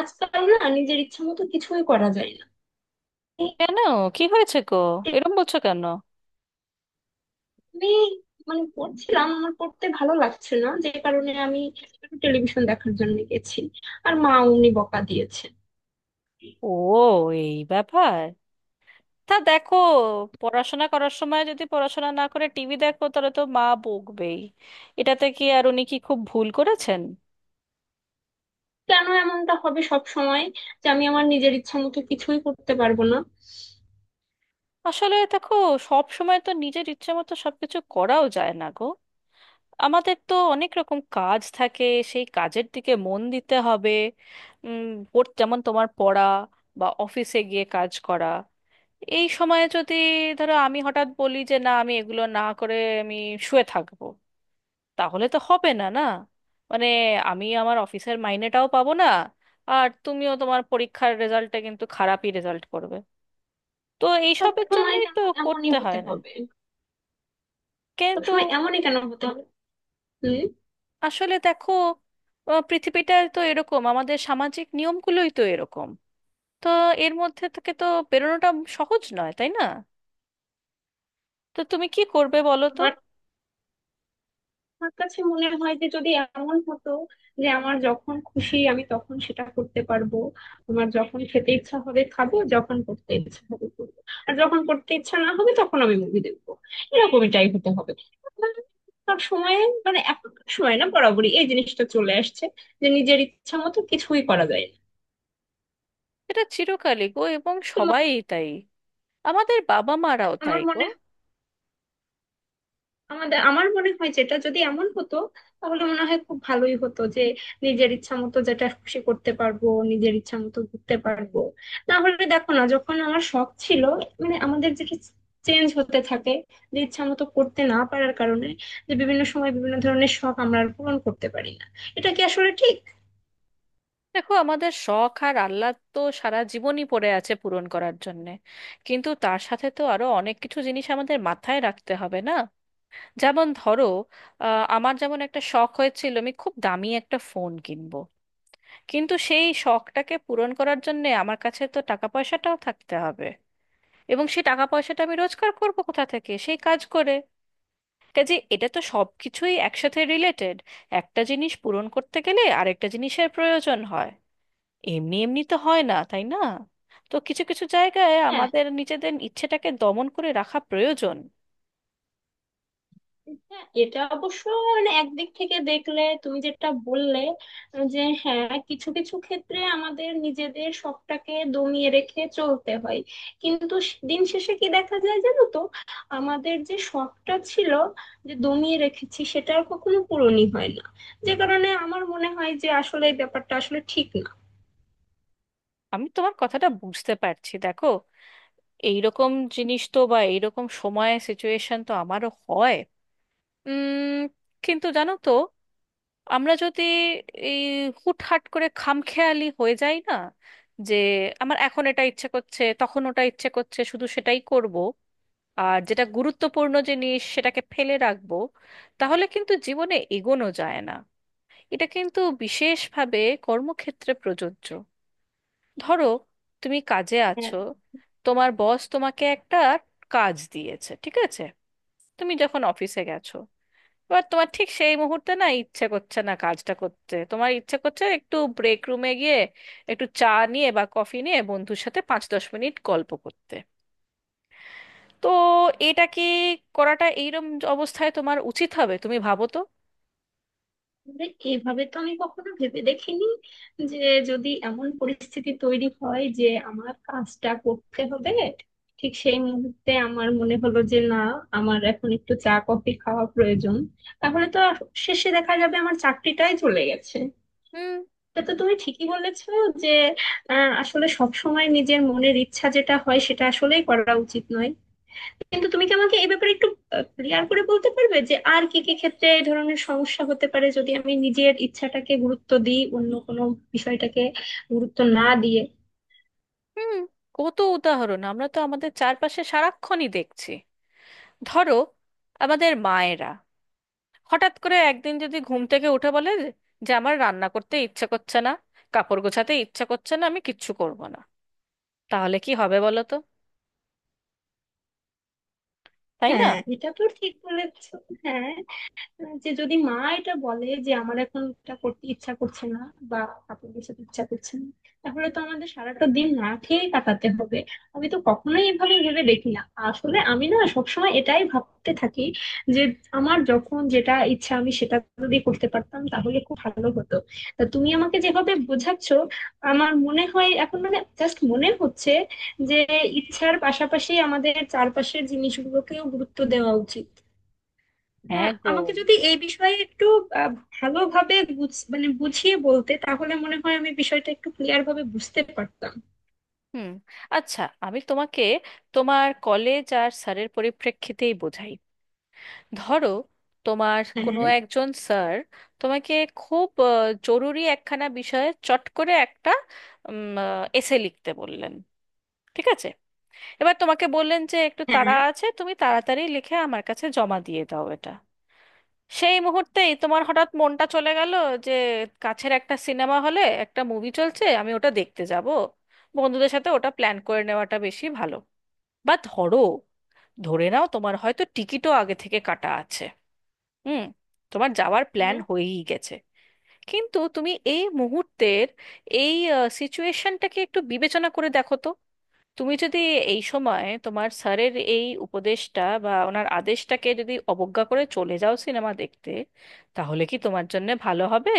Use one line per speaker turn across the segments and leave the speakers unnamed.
আজকাল না নিজের ইচ্ছা মতো কিছুই করা যায় না। এই
কেন? কি হয়েছে গো? এরম বলছো কেন?
আমি মানে পড়ছিলাম, আমার পড়তে ভালো লাগছে না, যে কারণে আমি টেলিভিশন দেখার জন্য গেছি। আর মা, উনি বকা দিয়েছে।
ও, এই ব্যাপার। তা দেখো, পড়াশোনা করার সময় যদি পড়াশোনা না করে টিভি দেখো, তাহলে তো মা বকবেই। এটাতে কি আর উনি কি খুব ভুল করেছেন?
কেন এমনটা হবে সব সময়, যে আমি আমার নিজের ইচ্ছা মতো কিছুই করতে পারবো না?
আসলে দেখো, সব সময় তো নিজের ইচ্ছে মতো সবকিছু করাও যায় না গো। আমাদের তো অনেক রকম কাজ থাকে, সেই কাজের দিকে মন দিতে হবে। উম, ওর যেমন তোমার পড়া, বা অফিসে গিয়ে কাজ করা। এই সময়ে যদি ধরো আমি হঠাৎ বলি যে না, আমি এগুলো না করে আমি শুয়ে থাকবো, তাহলে তো হবে না না। মানে আমার অফিসের মাইনেটাও পাবো না, আর তুমিও তোমার পরীক্ষার রেজাল্টে কিন্তু খারাপই রেজাল্ট করবে। তো
সব
এইসবের
সময়
জন্যই
কেন
তো
এমনই
করতে
হতে
হয় না।
হবে? সব
কিন্তু
সময় এমনই কেন হতে হবে?
আসলে দেখো, পৃথিবীটা তো এরকম, আমাদের সামাজিক নিয়মগুলোই তো এরকম। তো এর মধ্যে থেকে তো বেরোনোটা সহজ নয়, তাই না? তো তুমি কি করবে বলো তো?
হম। আমার কাছে মনে হয় যে যদি এমন হতো যে আমার যখন খুশি আমি তখন সেটা করতে পারবো, আমার যখন খেতে ইচ্ছা হবে খাবো, যখন করতে ইচ্ছা হবে করবো, আর যখন করতে ইচ্ছা না হবে তখন আমি মুভি দেখবো। এরকমটাই হতে হবে সব সময়। মানে এখনকার সময় না, বরাবরই এই জিনিসটা চলে আসছে যে নিজের ইচ্ছা মতো কিছুই করা যায় না।
এটা চিরকালই গো, এবং
তো
সবাই তাই। আমাদের বাবা মারাও তাই
আমার
গো।
মনে আমার মনে হয়, যেটা যদি এমন হতো তাহলে মনে হয় খুব ভালোই হতো, যে নিজের ইচ্ছা মতো যেটা খুশি করতে পারবো, নিজের ইচ্ছা মতো ঘুরতে পারবো। না হলে দেখো না, যখন আমার শখ ছিল, মানে আমাদের যেটা চেঞ্জ হতে থাকে, যে ইচ্ছা মতো করতে না পারার কারণে, যে বিভিন্ন সময় বিভিন্ন ধরনের শখ আমরা আর পূরণ করতে পারি না, এটা কি আসলে ঠিক?
দেখো, আমাদের শখ আর আহ্লাদ তো সারা জীবনই পড়ে আছে পূরণ করার জন্যে, কিন্তু তার সাথে তো আরো অনেক কিছু জিনিস আমাদের মাথায় রাখতে হবে না? যেমন ধরো, আমার যেমন একটা শখ হয়েছিল আমি খুব দামি একটা ফোন কিনবো, কিন্তু সেই শখটাকে পূরণ করার জন্যে আমার কাছে তো টাকা পয়সাটাও থাকতে হবে। এবং সেই টাকা পয়সাটা আমি রোজগার করবো কোথা থেকে? সেই কাজ করে। কাজে এটা তো সব কিছুই একসাথে রিলেটেড। একটা জিনিস পূরণ করতে গেলে আরেকটা জিনিসের প্রয়োজন হয়। এমনি এমনি তো হয় না, তাই না? তো কিছু কিছু জায়গায়
হ্যাঁ,
আমাদের নিজেদের ইচ্ছেটাকে দমন করে রাখা প্রয়োজন।
হ্যাঁ, এটা অবশ্য, মানে একদিক থেকে দেখলে তুমি যেটা বললে, যে হ্যাঁ কিছু কিছু ক্ষেত্রে আমাদের নিজেদের শখটাকে দমিয়ে রেখে চলতে হয়। কিন্তু দিন শেষে কি দেখা যায় জানো তো, আমাদের যে শখটা ছিল, যে দমিয়ে রেখেছি, সেটা আর কখনো পূরণই হয় না, যে কারণে আমার মনে হয় যে আসলে এই ব্যাপারটা আসলে ঠিক
আমি তোমার কথাটা বুঝতে পারছি, দেখো, এইরকম জিনিস তো বা এইরকম সময় সিচুয়েশন তো আমারও হয়। উম কিন্তু জানো তো, আমরা যদি এই হুটহাট করে খামখেয়ালি হয়ে যাই না, যে আমার এখন এটা ইচ্ছে করছে তখন ওটা ইচ্ছে করছে শুধু সেটাই করব, আর যেটা গুরুত্বপূর্ণ জিনিস সেটাকে ফেলে রাখবো, তাহলে কিন্তু জীবনে এগোনো যায় না। এটা কিন্তু বিশেষভাবে কর্মক্ষেত্রে প্রযোজ্য। ধরো, তুমি কাজে
না।
আছো, তোমার বস তোমাকে একটা কাজ দিয়েছে, ঠিক আছে? তুমি যখন অফিসে গেছো, এবার তোমার ঠিক সেই মুহূর্তে না ইচ্ছে করছে না কাজটা করতে, তোমার ইচ্ছে করছে একটু ব্রেক রুমে গিয়ে একটু চা নিয়ে বা কফি নিয়ে বন্ধুর সাথে 5-10 মিনিট গল্প করতে। তো এটা কি করাটা এইরকম অবস্থায় তোমার উচিত হবে? তুমি ভাবো তো।
আসলে এভাবে তো আমি কখনো ভেবে দেখিনি, যে যদি এমন পরিস্থিতি তৈরি হয় যে আমার কাজটা করতে হবে, ঠিক সেই মুহূর্তে আমার মনে হলো যে না, আমার এখন একটু চা কফি খাওয়া প্রয়োজন, তাহলে তো আর শেষে দেখা যাবে আমার চাকরিটাই চলে গেছে।
হুম।
এটা তো তুমি ঠিকই বলেছো, যে আসলে সব সময় নিজের মনের ইচ্ছা যেটা হয় সেটা আসলেই করা উচিত নয়। কিন্তু তুমি কি আমাকে এই ব্যাপারে একটু ক্লিয়ার করে বলতে পারবে, যে আর কি কি ক্ষেত্রে এই ধরনের সমস্যা হতে পারে, যদি আমি নিজের ইচ্ছাটাকে গুরুত্ব দিই, অন্য কোনো বিষয়টাকে গুরুত্ব না দিয়ে?
হুম কত উদাহরণ আমরা তো আমাদের চারপাশে সারাক্ষণই দেখছি। ধরো, আমাদের মায়েরা হঠাৎ করে একদিন যদি ঘুম থেকে উঠে বলে যে যে আমার রান্না করতে ইচ্ছে করছে না, কাপড় গোছাতে ইচ্ছে করছে না, আমি কিচ্ছু করব না, তাহলে কি হবে বলো তো? তাই না?
হ্যাঁ, এটা তো ঠিক বলেছো। হ্যাঁ, যে যদি মা এটা বলে যে আমার এখন এটা করতে ইচ্ছা করছে না, বা কাপড় গোছাতে ইচ্ছা করছে না, তাহলে তো আমাদের সারাটা দিন না খেয়ে কাটাতে হবে। আমি তো কখনোই এভাবে ভেবে দেখি না। আসলে আমি না সবসময় এটাই ভাবতে থাকি, যে আমার যখন যেটা ইচ্ছা আমি সেটা যদি করতে পারতাম তাহলে খুব ভালো হতো। তা তুমি আমাকে যেভাবে বোঝাচ্ছ, আমার মনে হয় এখন, মানে জাস্ট মনে হচ্ছে যে ইচ্ছার পাশাপাশি আমাদের চারপাশের জিনিসগুলোকেও গুরুত্ব দেওয়া উচিত।
হ্যাঁ গো।
আমাকে যদি এই বিষয়ে একটু আহ, ভালোভাবে মানে বুঝিয়ে বলতে, তাহলে মনে হয় আমি বিষয়টা একটু ক্লিয়ার ভাবে বুঝতে পারতাম।
হুম, আচ্ছা। আমি তোমাকে তোমার কলেজ আর স্যারের পরিপ্রেক্ষিতেই বোঝাই। ধরো, তোমার
হ্যাঁ,
কোনো
হ্যাঁ,
একজন স্যার তোমাকে খুব জরুরি একখানা বিষয়ে চট করে একটা এসে লিখতে বললেন, ঠিক আছে? এবার তোমাকে বললেন যে একটু তাড়া আছে, তুমি তাড়াতাড়ি লিখে আমার কাছে জমা দিয়ে দাও এটা। সেই মুহূর্তেই তোমার হঠাৎ মনটা চলে গেল যে কাছের একটা সিনেমা হলে একটা মুভি চলছে, আমি ওটা দেখতে যাব, বন্ধুদের সাথে ওটা প্ল্যান করে নেওয়াটা বেশি ভালো। বা ধরো, ধরে নাও তোমার হয়তো টিকিটও আগে থেকে কাটা আছে, হুম, তোমার যাওয়ার প্ল্যান হয়েই গেছে। কিন্তু তুমি এই মুহূর্তের এই সিচুয়েশনটাকে একটু বিবেচনা করে দেখো তো। তুমি যদি এই সময় তোমার স্যারের এই উপদেশটা বা ওনার আদেশটাকে যদি অবজ্ঞা করে চলে যাও সিনেমা দেখতে, তাহলে কি তোমার জন্য ভালো হবে?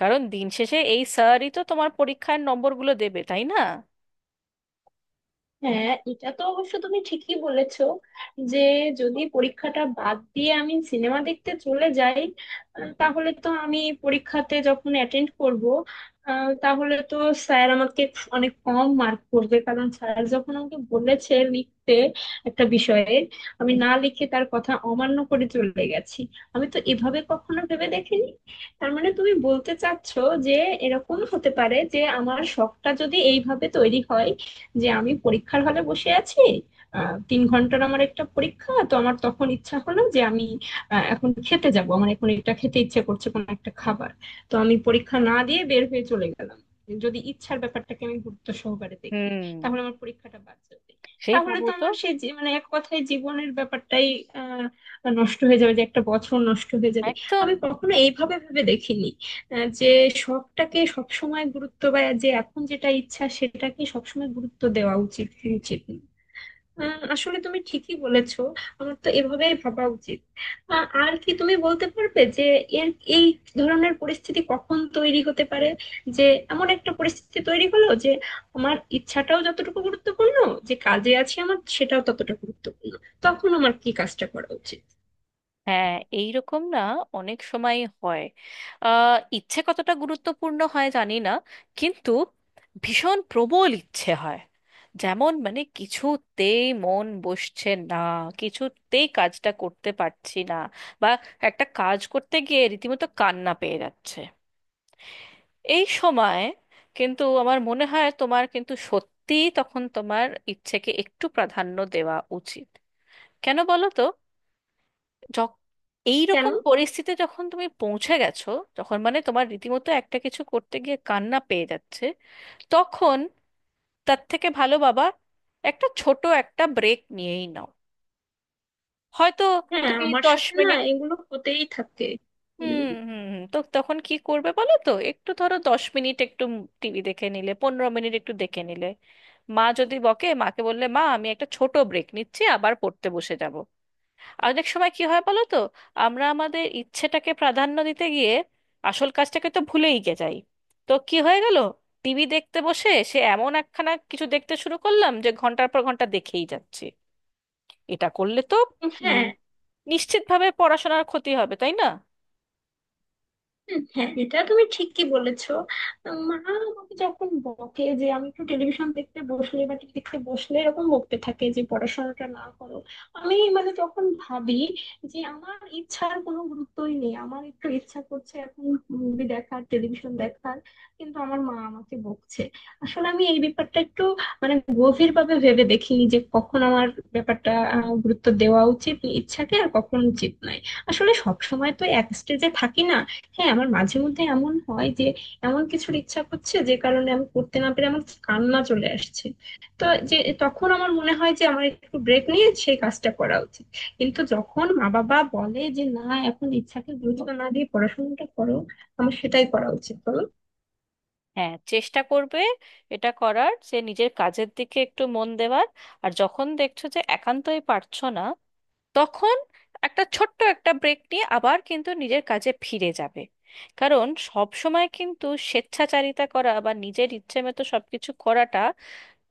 কারণ দিন শেষে এই স্যারই তো তোমার পরীক্ষার নম্বরগুলো দেবে, তাই না?
হ্যাঁ, এটা তো অবশ্য তুমি ঠিকই বলেছো, যে যদি পরীক্ষাটা বাদ দিয়ে আমি সিনেমা দেখতে চলে যাই, তাহলে তো আমি পরীক্ষাতে যখন অ্যাটেন্ড করব, তাহলে তো স্যার আমাকে অনেক কম মার্ক করবে, কারণ স্যার যখন আমাকে বলেছে লিখতে একটা বিষয়ে, আমি না লিখে তার কথা অমান্য করে চলে গেছি। আমি তো এভাবে কখনো ভেবে দেখিনি। তার মানে তুমি বলতে চাচ্ছো, যে এরকম হতে পারে যে আমার শখটা যদি এইভাবে তৈরি হয়, যে আমি পরীক্ষার হলে বসে আছি, 3 ঘন্টার আমার একটা পরীক্ষা, তো আমার তখন ইচ্ছা হলো যে আমি এখন খেতে যাব, আমার এখন এটা খেতে ইচ্ছে করছে, কোনো একটা খাবার, তো আমি পরীক্ষা না দিয়ে বের হয়ে চলে গেলাম, যদি ইচ্ছার ব্যাপারটাকে আমি গুরুত্ব সহকারে দেখি,
হুম,
তাহলে আমার পরীক্ষাটা বাদ যাবে।
সেই
তাহলে
ভাবো
তো
তো।
আমার সেই মানে এক কথায় জীবনের ব্যাপারটাই আহ নষ্ট হয়ে যাবে, যে একটা বছর নষ্ট হয়ে যাবে।
একদম।
আমি কখনো এইভাবে ভেবে দেখিনি, যে শখটাকে সবসময় গুরুত্ব, বা যে এখন যেটা ইচ্ছা সেটাকে সবসময় গুরুত্ব দেওয়া উচিত, উচিত না। আসলে তুমি ঠিকই বলেছো, আমার তো এভাবেই ভাবা উচিত। আর কি তুমি বলতে পারবে, যে এর এই ধরনের পরিস্থিতি কখন তৈরি হতে পারে, যে এমন একটা পরিস্থিতি তৈরি হলো যে আমার ইচ্ছাটাও যতটুকু গুরুত্বপূর্ণ, যে কাজে আছি আমার সেটাও ততটা গুরুত্বপূর্ণ, তখন আমার কি কাজটা করা উচিত?
হ্যাঁ, এইরকম না অনেক সময় হয়, আহ ইচ্ছে কতটা গুরুত্বপূর্ণ হয় জানি না, কিন্তু ভীষণ প্রবল ইচ্ছে হয়, যেমন মানে কিছুতেই মন বসছে না, কিছুতেই কাজটা করতে পারছি না, বা একটা কাজ করতে গিয়ে রীতিমতো কান্না পেয়ে যাচ্ছে। এই সময় কিন্তু আমার মনে হয় তোমার কিন্তু সত্যিই তখন তোমার ইচ্ছেকে একটু প্রাধান্য দেওয়া উচিত। কেন বলো তো? যখ-
কেন?
এইরকম পরিস্থিতি যখন তুমি পৌঁছে গেছো, যখন মানে তোমার রীতিমতো একটা কিছু করতে গিয়ে কান্না পেয়ে যাচ্ছে, তখন তার থেকে ভালো বাবা একটা ছোট একটা ব্রেক নিয়েই নাও। হয়তো
হ্যাঁ,
তুমি
আমার
দশ
সাথে না
মিনিট
এগুলো হতেই থাকে।
হুম
উম,
হুম হুম তো তখন কি করবে বলো তো? একটু ধরো 10 মিনিট একটু টিভি দেখে নিলে, 15 মিনিট একটু দেখে নিলে, মা যদি বকে মাকে বললে মা আমি একটা ছোট ব্রেক নিচ্ছি, আবার পড়তে বসে যাব। অনেক সময় কি হয় বলো তো, আমরা আমাদের ইচ্ছেটাকে প্রাধান্য দিতে গিয়ে আসল কাজটাকে তো ভুলেই গে যাই। তো কি হয়ে গেল, টিভি দেখতে বসে সে এমন একখানা কিছু দেখতে শুরু করলাম যে ঘন্টার পর ঘন্টা দেখেই যাচ্ছে। এটা করলে তো উম,
হ্যাঁ।
নিশ্চিতভাবে পড়াশোনার ক্ষতি হবে, তাই না?
হুম, হ্যাঁ, এটা তুমি ঠিকই বলেছো। মা আমাকে যখন বকে, যে আমি একটু টেলিভিশন দেখতে বসলে বা টিভি দেখতে বসলে, এরকম বকতে থাকে যে পড়াশোনাটা না করো, আমি মানে তখন ভাবি যে আমার ইচ্ছার কোনো গুরুত্বই নেই, আমার একটু ইচ্ছা করছে এখন মুভি দেখার, টেলিভিশন দেখার, কিন্তু আমার মা আমাকে বকছে। আসলে আমি এই ব্যাপারটা একটু মানে গভীর ভাবে ভেবে দেখিনি, যে কখন আমার ব্যাপারটা গুরুত্ব দেওয়া উচিত ইচ্ছাকে, আর কখন উচিত নয়। আসলে সব সময় তো এক স্টেজে থাকি না। হ্যাঁ, আমার মাঝে মধ্যে এমন হয় যে এমন কিছুর ইচ্ছা করছে, যে কারণে আমি করতে না পেরে আমার কান্না চলে আসছে, তো যে তখন আমার মনে হয় যে আমার একটু ব্রেক নিয়ে সেই কাজটা করা উচিত। কিন্তু যখন মা বাবা বলে যে না, এখন ইচ্ছাকে গুরুত্ব না দিয়ে পড়াশোনাটা করো, আমার সেটাই করা উচিত, বলো?
হ্যাঁ, চেষ্টা করবে এটা করার, সে নিজের কাজের দিকে একটু মন দেওয়ার। আর যখন দেখছো যে একান্তই পারছো না, তখন একটা ছোট্ট একটা ব্রেক নিয়ে আবার কিন্তু নিজের কাজে ফিরে যাবে। কারণ সব সময় কিন্তু স্বেচ্ছাচারিতা করা বা নিজের ইচ্ছে মতো সবকিছু করাটা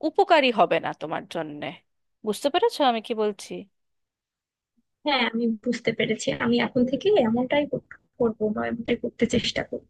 উপকারী হবে না তোমার জন্যে। বুঝতে পেরেছো আমি কি বলছি?
হ্যাঁ, আমি বুঝতে পেরেছি, আমি এখন থেকে এমনটাই করব, বা এমনটাই করতে চেষ্টা করব।